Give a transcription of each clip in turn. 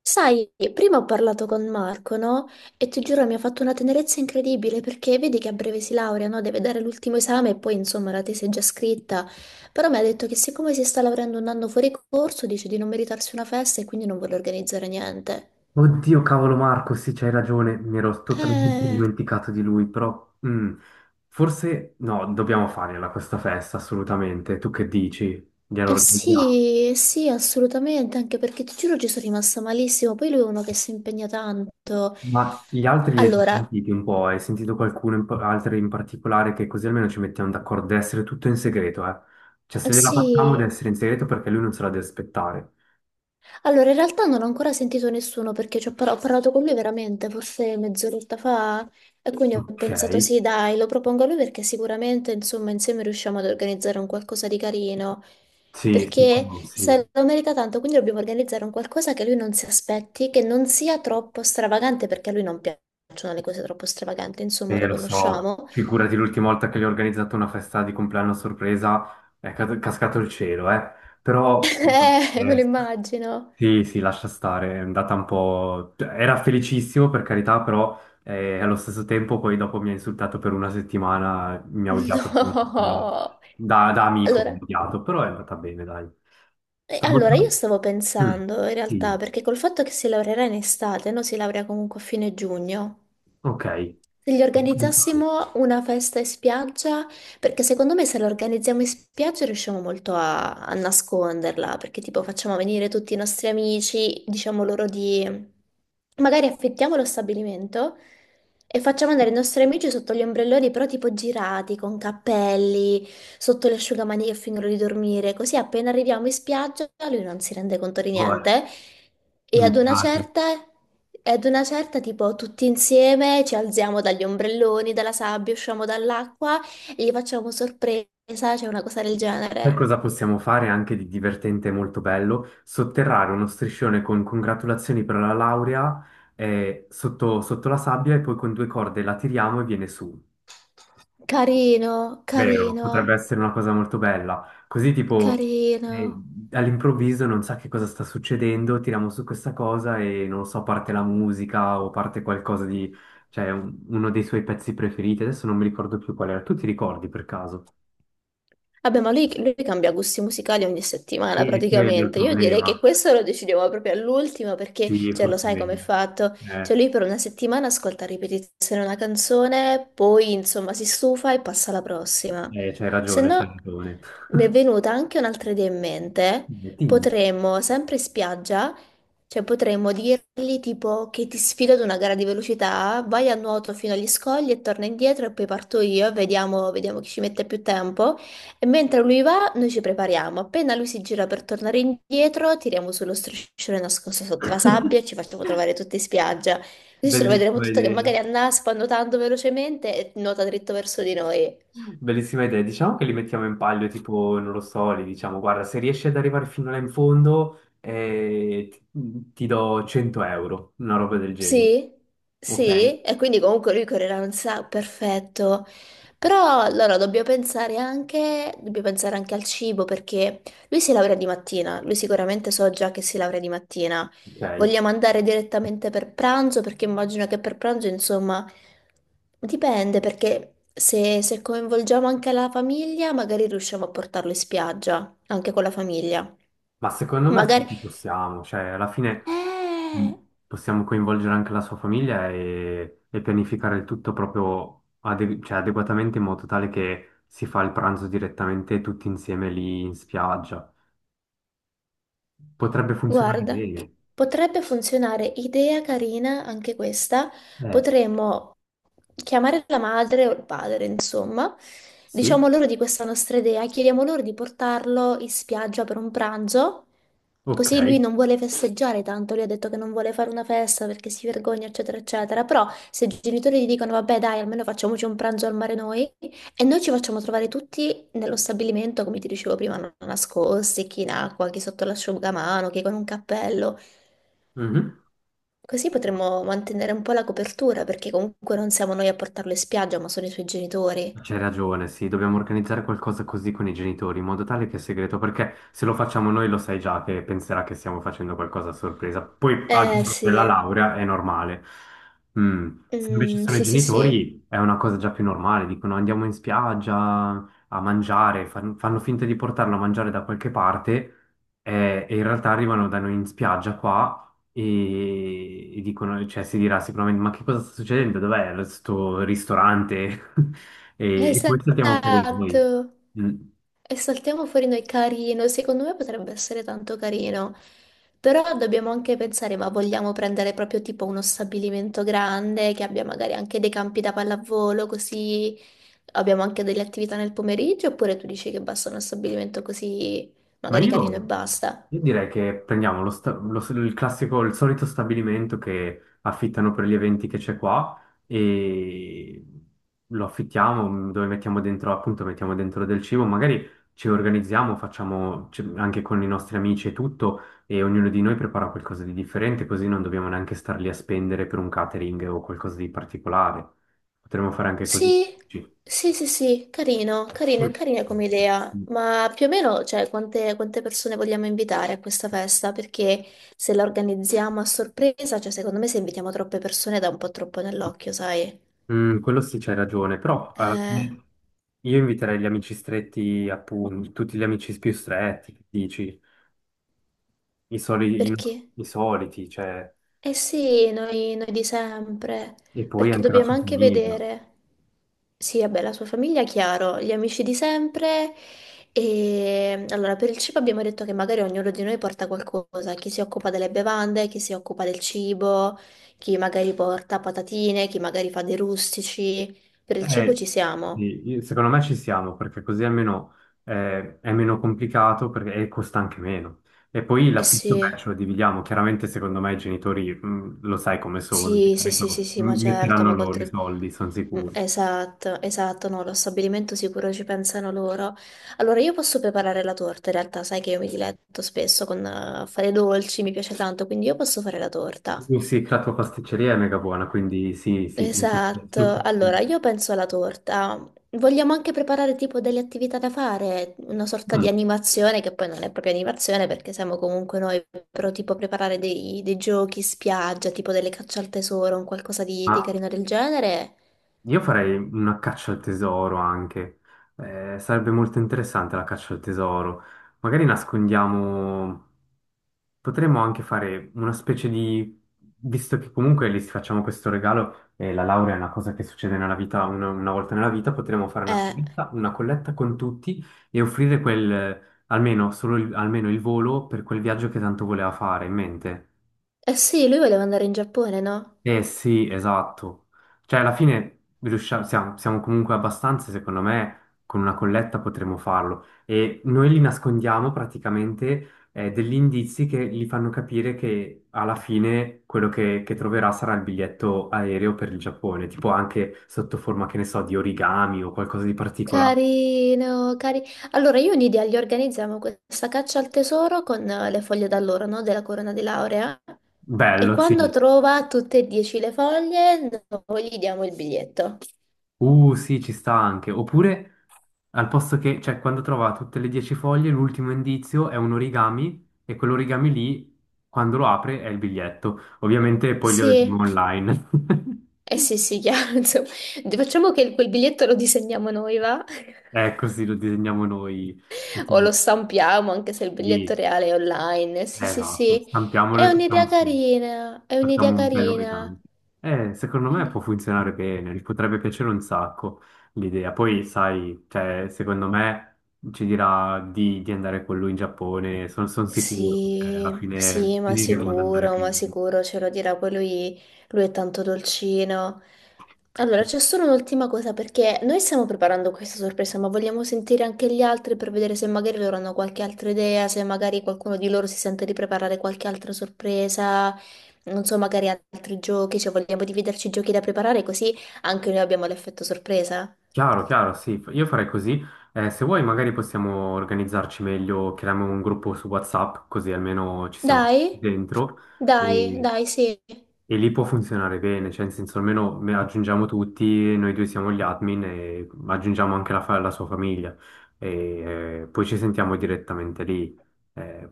Sai, prima ho parlato con Marco, no? E ti giuro mi ha fatto una tenerezza incredibile perché vedi che a breve si laurea, no? Deve dare l'ultimo esame e poi insomma la tesi è già scritta. Però mi ha detto che siccome si sta laureando un anno fuori corso, dice di non meritarsi una festa e quindi non vuole organizzare niente. Oddio, cavolo Marco, sì, c'hai ragione, mi ero totalmente Eh, dimenticato di lui, però forse no, dobbiamo farla questa festa, assolutamente. Tu che dici? Gliela organizziamo. sì, eh sì, assolutamente, anche perché ti giuro ci sono rimasta malissimo. Poi lui è uno che si impegna tanto. Ma gli altri li hai già Allora, sentiti un po'? Hai sentito qualcuno, altri in particolare, che così almeno ci mettiamo d'accordo, deve essere tutto in segreto, eh? Cioè, se eh gliela facciamo deve sì. essere in segreto perché lui non se la deve aspettare. Allora, in realtà non ho ancora sentito nessuno perché ho parlato con lui veramente, forse mezz'oretta fa, e quindi ho Ok, pensato sì, dai, lo propongo a lui perché sicuramente, insomma, insieme riusciamo ad organizzare un qualcosa di carino, sì, sì, perché sì. se lo merita tanto, quindi dobbiamo organizzare un qualcosa che lui non si aspetti, che non sia troppo stravagante, perché a lui non piacciono le cose troppo stravaganti, insomma, lo Lo so, conosciamo. figurati l'ultima volta che gli ho organizzato una festa di compleanno a sorpresa, è cascato il cielo, eh. Però, me eh, lo immagino. sì, sì, lascia stare, è andata un po' cioè, era felicissimo, per carità, però allo stesso tempo poi dopo mi ha insultato per una settimana, mi ha odiato per una settimana. No. Da amico mi Allora. ha odiato, però è andata bene, dai. Stavolta... Allora, io stavo Mm, pensando in realtà, sì, perché col fatto che si laureerà in estate, no? Si laurea comunque a fine giugno. ok. Se gli Pensavo. organizzassimo una festa in spiaggia perché secondo me se la organizziamo in spiaggia riusciamo molto a nasconderla, perché tipo facciamo venire tutti i nostri amici, diciamo loro di... Magari affittiamo lo stabilimento e facciamo andare i nostri amici sotto gli ombrelloni, però tipo girati, con cappelli, sotto le asciugamani che fingono di dormire, così appena arriviamo in spiaggia lui non si rende conto di Vabbè, niente e ad mi una piace. certa... E ad una certa, tipo, tutti insieme ci alziamo dagli ombrelloni, dalla sabbia, usciamo dall'acqua gli facciamo sorpresa, c'è una cosa del Sai genere. cosa possiamo fare anche di divertente e molto bello? Sotterrare uno striscione con congratulazioni per la laurea, sotto la sabbia e poi con due corde la tiriamo e viene su. Carino, Vero, potrebbe carino, essere una cosa molto bella. Così tipo eh, carino. all'improvviso non sa che cosa sta succedendo, tiriamo su questa cosa e non lo so, parte la musica o parte qualcosa di... cioè uno dei suoi pezzi preferiti. Adesso non mi ricordo più qual era. Tu ti ricordi per caso? Vabbè, ma lui cambia gusti musicali ogni settimana Sì, è quello il praticamente. Io direi problema. che questo lo decidiamo proprio all'ultimo perché, Sì, cioè, lo forse è sai come è meglio. fatto? Cioè, Eh, lui per una settimana ascolta a ripetizione una canzone, poi insomma si stufa e passa alla prossima. C'hai Se ragione, c'hai no, ragione. mi è venuta anche un'altra idea in mente. Eh, Quindi, Potremmo, sempre in spiaggia, cioè potremmo dirgli tipo che ti sfido ad una gara di velocità, vai a nuoto fino agli scogli e torna indietro e poi parto io e vediamo chi ci mette più tempo. E mentre lui va, noi ci prepariamo. Appena lui si gira per tornare indietro, tiriamo sullo striscione nascosto sotto la sabbia e ci facciamo trovare tutti in spiaggia. Così ce lo vedremo bellissima tutto che idea. magari annaspa nuotando velocemente e nuota dritto verso di noi. Bellissima idea. Diciamo che li mettiamo in palio, tipo, non lo so, li diciamo, guarda, se riesci ad arrivare fino là in fondo, ti do 100 euro, una roba del genere. Sì, Ok? sì, e quindi comunque lui correrà un sacco, perfetto. Però allora dobbiamo pensare anche al cibo perché lui si laurea di mattina, lui sicuramente so già che si laurea di mattina. Ok. Vogliamo andare direttamente per pranzo perché immagino che per pranzo, insomma, dipende perché se coinvolgiamo anche la famiglia magari riusciamo a portarlo in spiaggia, anche con la famiglia. Ma secondo me sì, Magari... ci possiamo, cioè alla fine Eh! mh, possiamo coinvolgere anche la sua famiglia e pianificare il tutto proprio cioè, adeguatamente in modo tale che si fa il pranzo direttamente tutti insieme lì in spiaggia. Potrebbe funzionare Guarda, bene. potrebbe funzionare, idea carina anche questa. Eh, Potremmo chiamare la madre o il padre, insomma. sì, Diciamo loro di questa nostra idea, chiediamo loro di portarlo in spiaggia per un pranzo, così lui ok. non vuole festeggiare tanto, lui ha detto che non vuole fare una festa perché si vergogna, eccetera, eccetera. Però se i genitori gli dicono, vabbè, dai, almeno facciamoci un pranzo al mare noi, e noi ci facciamo trovare tutti nello stabilimento, come ti dicevo prima, nascosti, chi in acqua, chi sotto l'asciugamano, chi con un cappello. Mhm. Così potremmo mantenere un po' la copertura, perché comunque non siamo noi a portarlo in spiaggia, ma sono i suoi genitori. C'hai ragione, sì, dobbiamo organizzare qualcosa così con i genitori, in modo tale che è segreto, perché se lo facciamo noi lo sai già che penserà che stiamo facendo qualcosa a sorpresa. Poi al Eh giorno della sì. laurea è normale. Mm, se invece Mm, sono i sì sì sì, genitori è una cosa già più normale, dicono andiamo in spiaggia a mangiare, fanno finta di portarlo a mangiare da qualche parte, e in realtà arrivano da noi in spiaggia qua e dicono, cioè si dirà sicuramente, ma che cosa sta succedendo? Sto ristorante? E poi saltiamo fuori noi. esatto. Mm. E saltiamo fuori noi carino, secondo me potrebbe essere tanto carino. Però dobbiamo anche pensare, ma vogliamo prendere proprio tipo uno stabilimento grande che abbia magari anche dei campi da pallavolo, così abbiamo anche delle attività nel pomeriggio, oppure tu dici che basta uno stabilimento così Ma magari carino e io, basta? io direi che prendiamo il classico, il solito stabilimento che affittano per gli eventi che c'è qua e lo affittiamo, dove mettiamo dentro, appunto, mettiamo dentro del cibo, magari ci organizziamo, facciamo anche con i nostri amici e tutto e ognuno di noi prepara qualcosa di differente, così non dobbiamo neanche star lì a spendere per un catering o qualcosa di particolare. Potremmo fare anche così. Sì, sì, sì, sì, carino, carino, Mm. è carina come idea, ma più o meno, cioè, quante persone vogliamo invitare a questa festa? Perché se la organizziamo a sorpresa, cioè, secondo me se invitiamo troppe persone dà un po' troppo nell'occhio, sai? Mm, quello sì, c'hai ragione, però alla Eh, fine io inviterei gli amici stretti, appunto, tutti gli amici più stretti, che dici, no, perché? i soliti, cioè, Eh sì, noi di sempre, e poi perché anche la dobbiamo sua anche famiglia. vedere, sì, vabbè, la sua famiglia, chiaro, gli amici di sempre, e allora per il cibo abbiamo detto che magari ognuno di noi porta qualcosa, chi si occupa delle bevande, chi si occupa del cibo, chi magari porta patatine, chi magari fa dei rustici, per il cibo Eh, ci siamo, sì, secondo me ci siamo, perché così almeno è meno complicato e costa anche meno. E poi eh l'affitto, beh, sì. ce lo dividiamo. Chiaramente, secondo me, i genitori, lo sai come sono, di Sì, sì, sì, sì, solito, sì, ma certo. metteranno loro i soldi, sono Mm, sicuro. esatto, esatto, no, lo stabilimento sicuro ci pensano loro. Allora, io posso preparare la torta, in realtà, sai che io mi diletto spesso con fare dolci, mi piace tanto, quindi io posso fare la torta. Sì, la tua pasticceria è mega buona, quindi sì, sì. Esatto, allora io penso alla torta. Vogliamo anche preparare tipo delle attività da fare, una sorta di Mm, animazione che poi non è proprio animazione perché siamo comunque noi, però tipo preparare dei giochi spiaggia, tipo delle caccia al tesoro, un qualcosa di Ma carino del genere. Io farei una caccia al tesoro anche. Sarebbe molto interessante la caccia al tesoro. Magari nascondiamo. Potremmo anche fare una specie di. Visto che comunque lì facciamo questo regalo, e la laurea è una cosa che succede nella vita, una volta nella vita, potremmo fare Eh, una colletta con tutti e offrire quel, almeno, almeno il volo per quel viaggio che tanto voleva fare in mente. eh sì, lui voleva andare in Giappone, no? Eh sì, esatto. Cioè, alla fine riusciamo, siamo comunque abbastanza, secondo me, con una colletta potremo farlo. E noi li nascondiamo praticamente, degli indizi che gli fanno capire che alla fine quello che troverà sarà il biglietto aereo per il Giappone, tipo anche sotto forma, che ne so, di origami o qualcosa di particolare. Carino, carino. Allora, io in idea gli organizziamo questa caccia al tesoro con le foglie d'alloro, no? Della corona di laurea. E Bello, sì. quando trova tutte e 10 le foglie, noi gli diamo il biglietto. Sì, ci sta anche. Oppure, al posto che, cioè, quando trova tutte le 10 foglie, l'ultimo indizio è un origami e quell'origami lì, quando lo apre, è il biglietto. Ovviamente poi glielo diamo Sì, online. eh sì, sì, chiaro, insomma. Facciamo che quel biglietto lo disegniamo noi, va? È così, lo disegniamo noi. O lo stampiamo, anche se il biglietto Sì, reale è online. Sì, sì, Esatto, sì. stampiamolo È e facciamo un'idea su. carina, è un'idea Facciamo un bello carina. regalo. Secondo me può Quindi... funzionare bene, gli potrebbe piacere un sacco l'idea. Poi, sai, cioè, secondo me ci dirà di andare con lui in Giappone, sono sicuro, cioè, alla Sì, fine sì, finiremo ad andare con ma lui. sicuro ce lo dirà, poi lui, è tanto dolcino. Allora, c'è solo un'ultima cosa, perché noi stiamo preparando questa sorpresa, ma vogliamo sentire anche gli altri per vedere se magari loro hanno qualche altra idea, se magari qualcuno di loro si sente di preparare qualche altra sorpresa, non so, magari altri giochi, cioè vogliamo dividerci i giochi da preparare così anche noi abbiamo l'effetto sorpresa. Chiaro, chiaro, sì, io farei così. Se vuoi magari possiamo organizzarci meglio, creiamo un gruppo su WhatsApp, così almeno ci siamo Dai, dentro. dai, E... dai, sì. e lì può funzionare bene, cioè in senso almeno aggiungiamo tutti, noi due siamo gli admin e aggiungiamo anche la sua famiglia e poi ci sentiamo direttamente lì. Eh,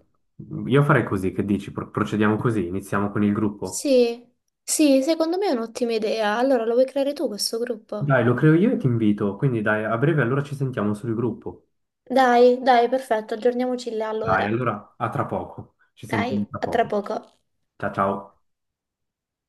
io farei così, che dici? Procediamo così, iniziamo con il gruppo. Sì, sì, secondo me è un'ottima idea. Allora, lo vuoi creare tu questo gruppo? Dai, lo creo io e ti invito, quindi dai, a breve allora ci sentiamo sul gruppo. Dai, dai, perfetto, aggiorniamoci là Dai, allora. allora a tra poco, ci Dai, sentiamo tra a tra poco. poco. Ciao ciao.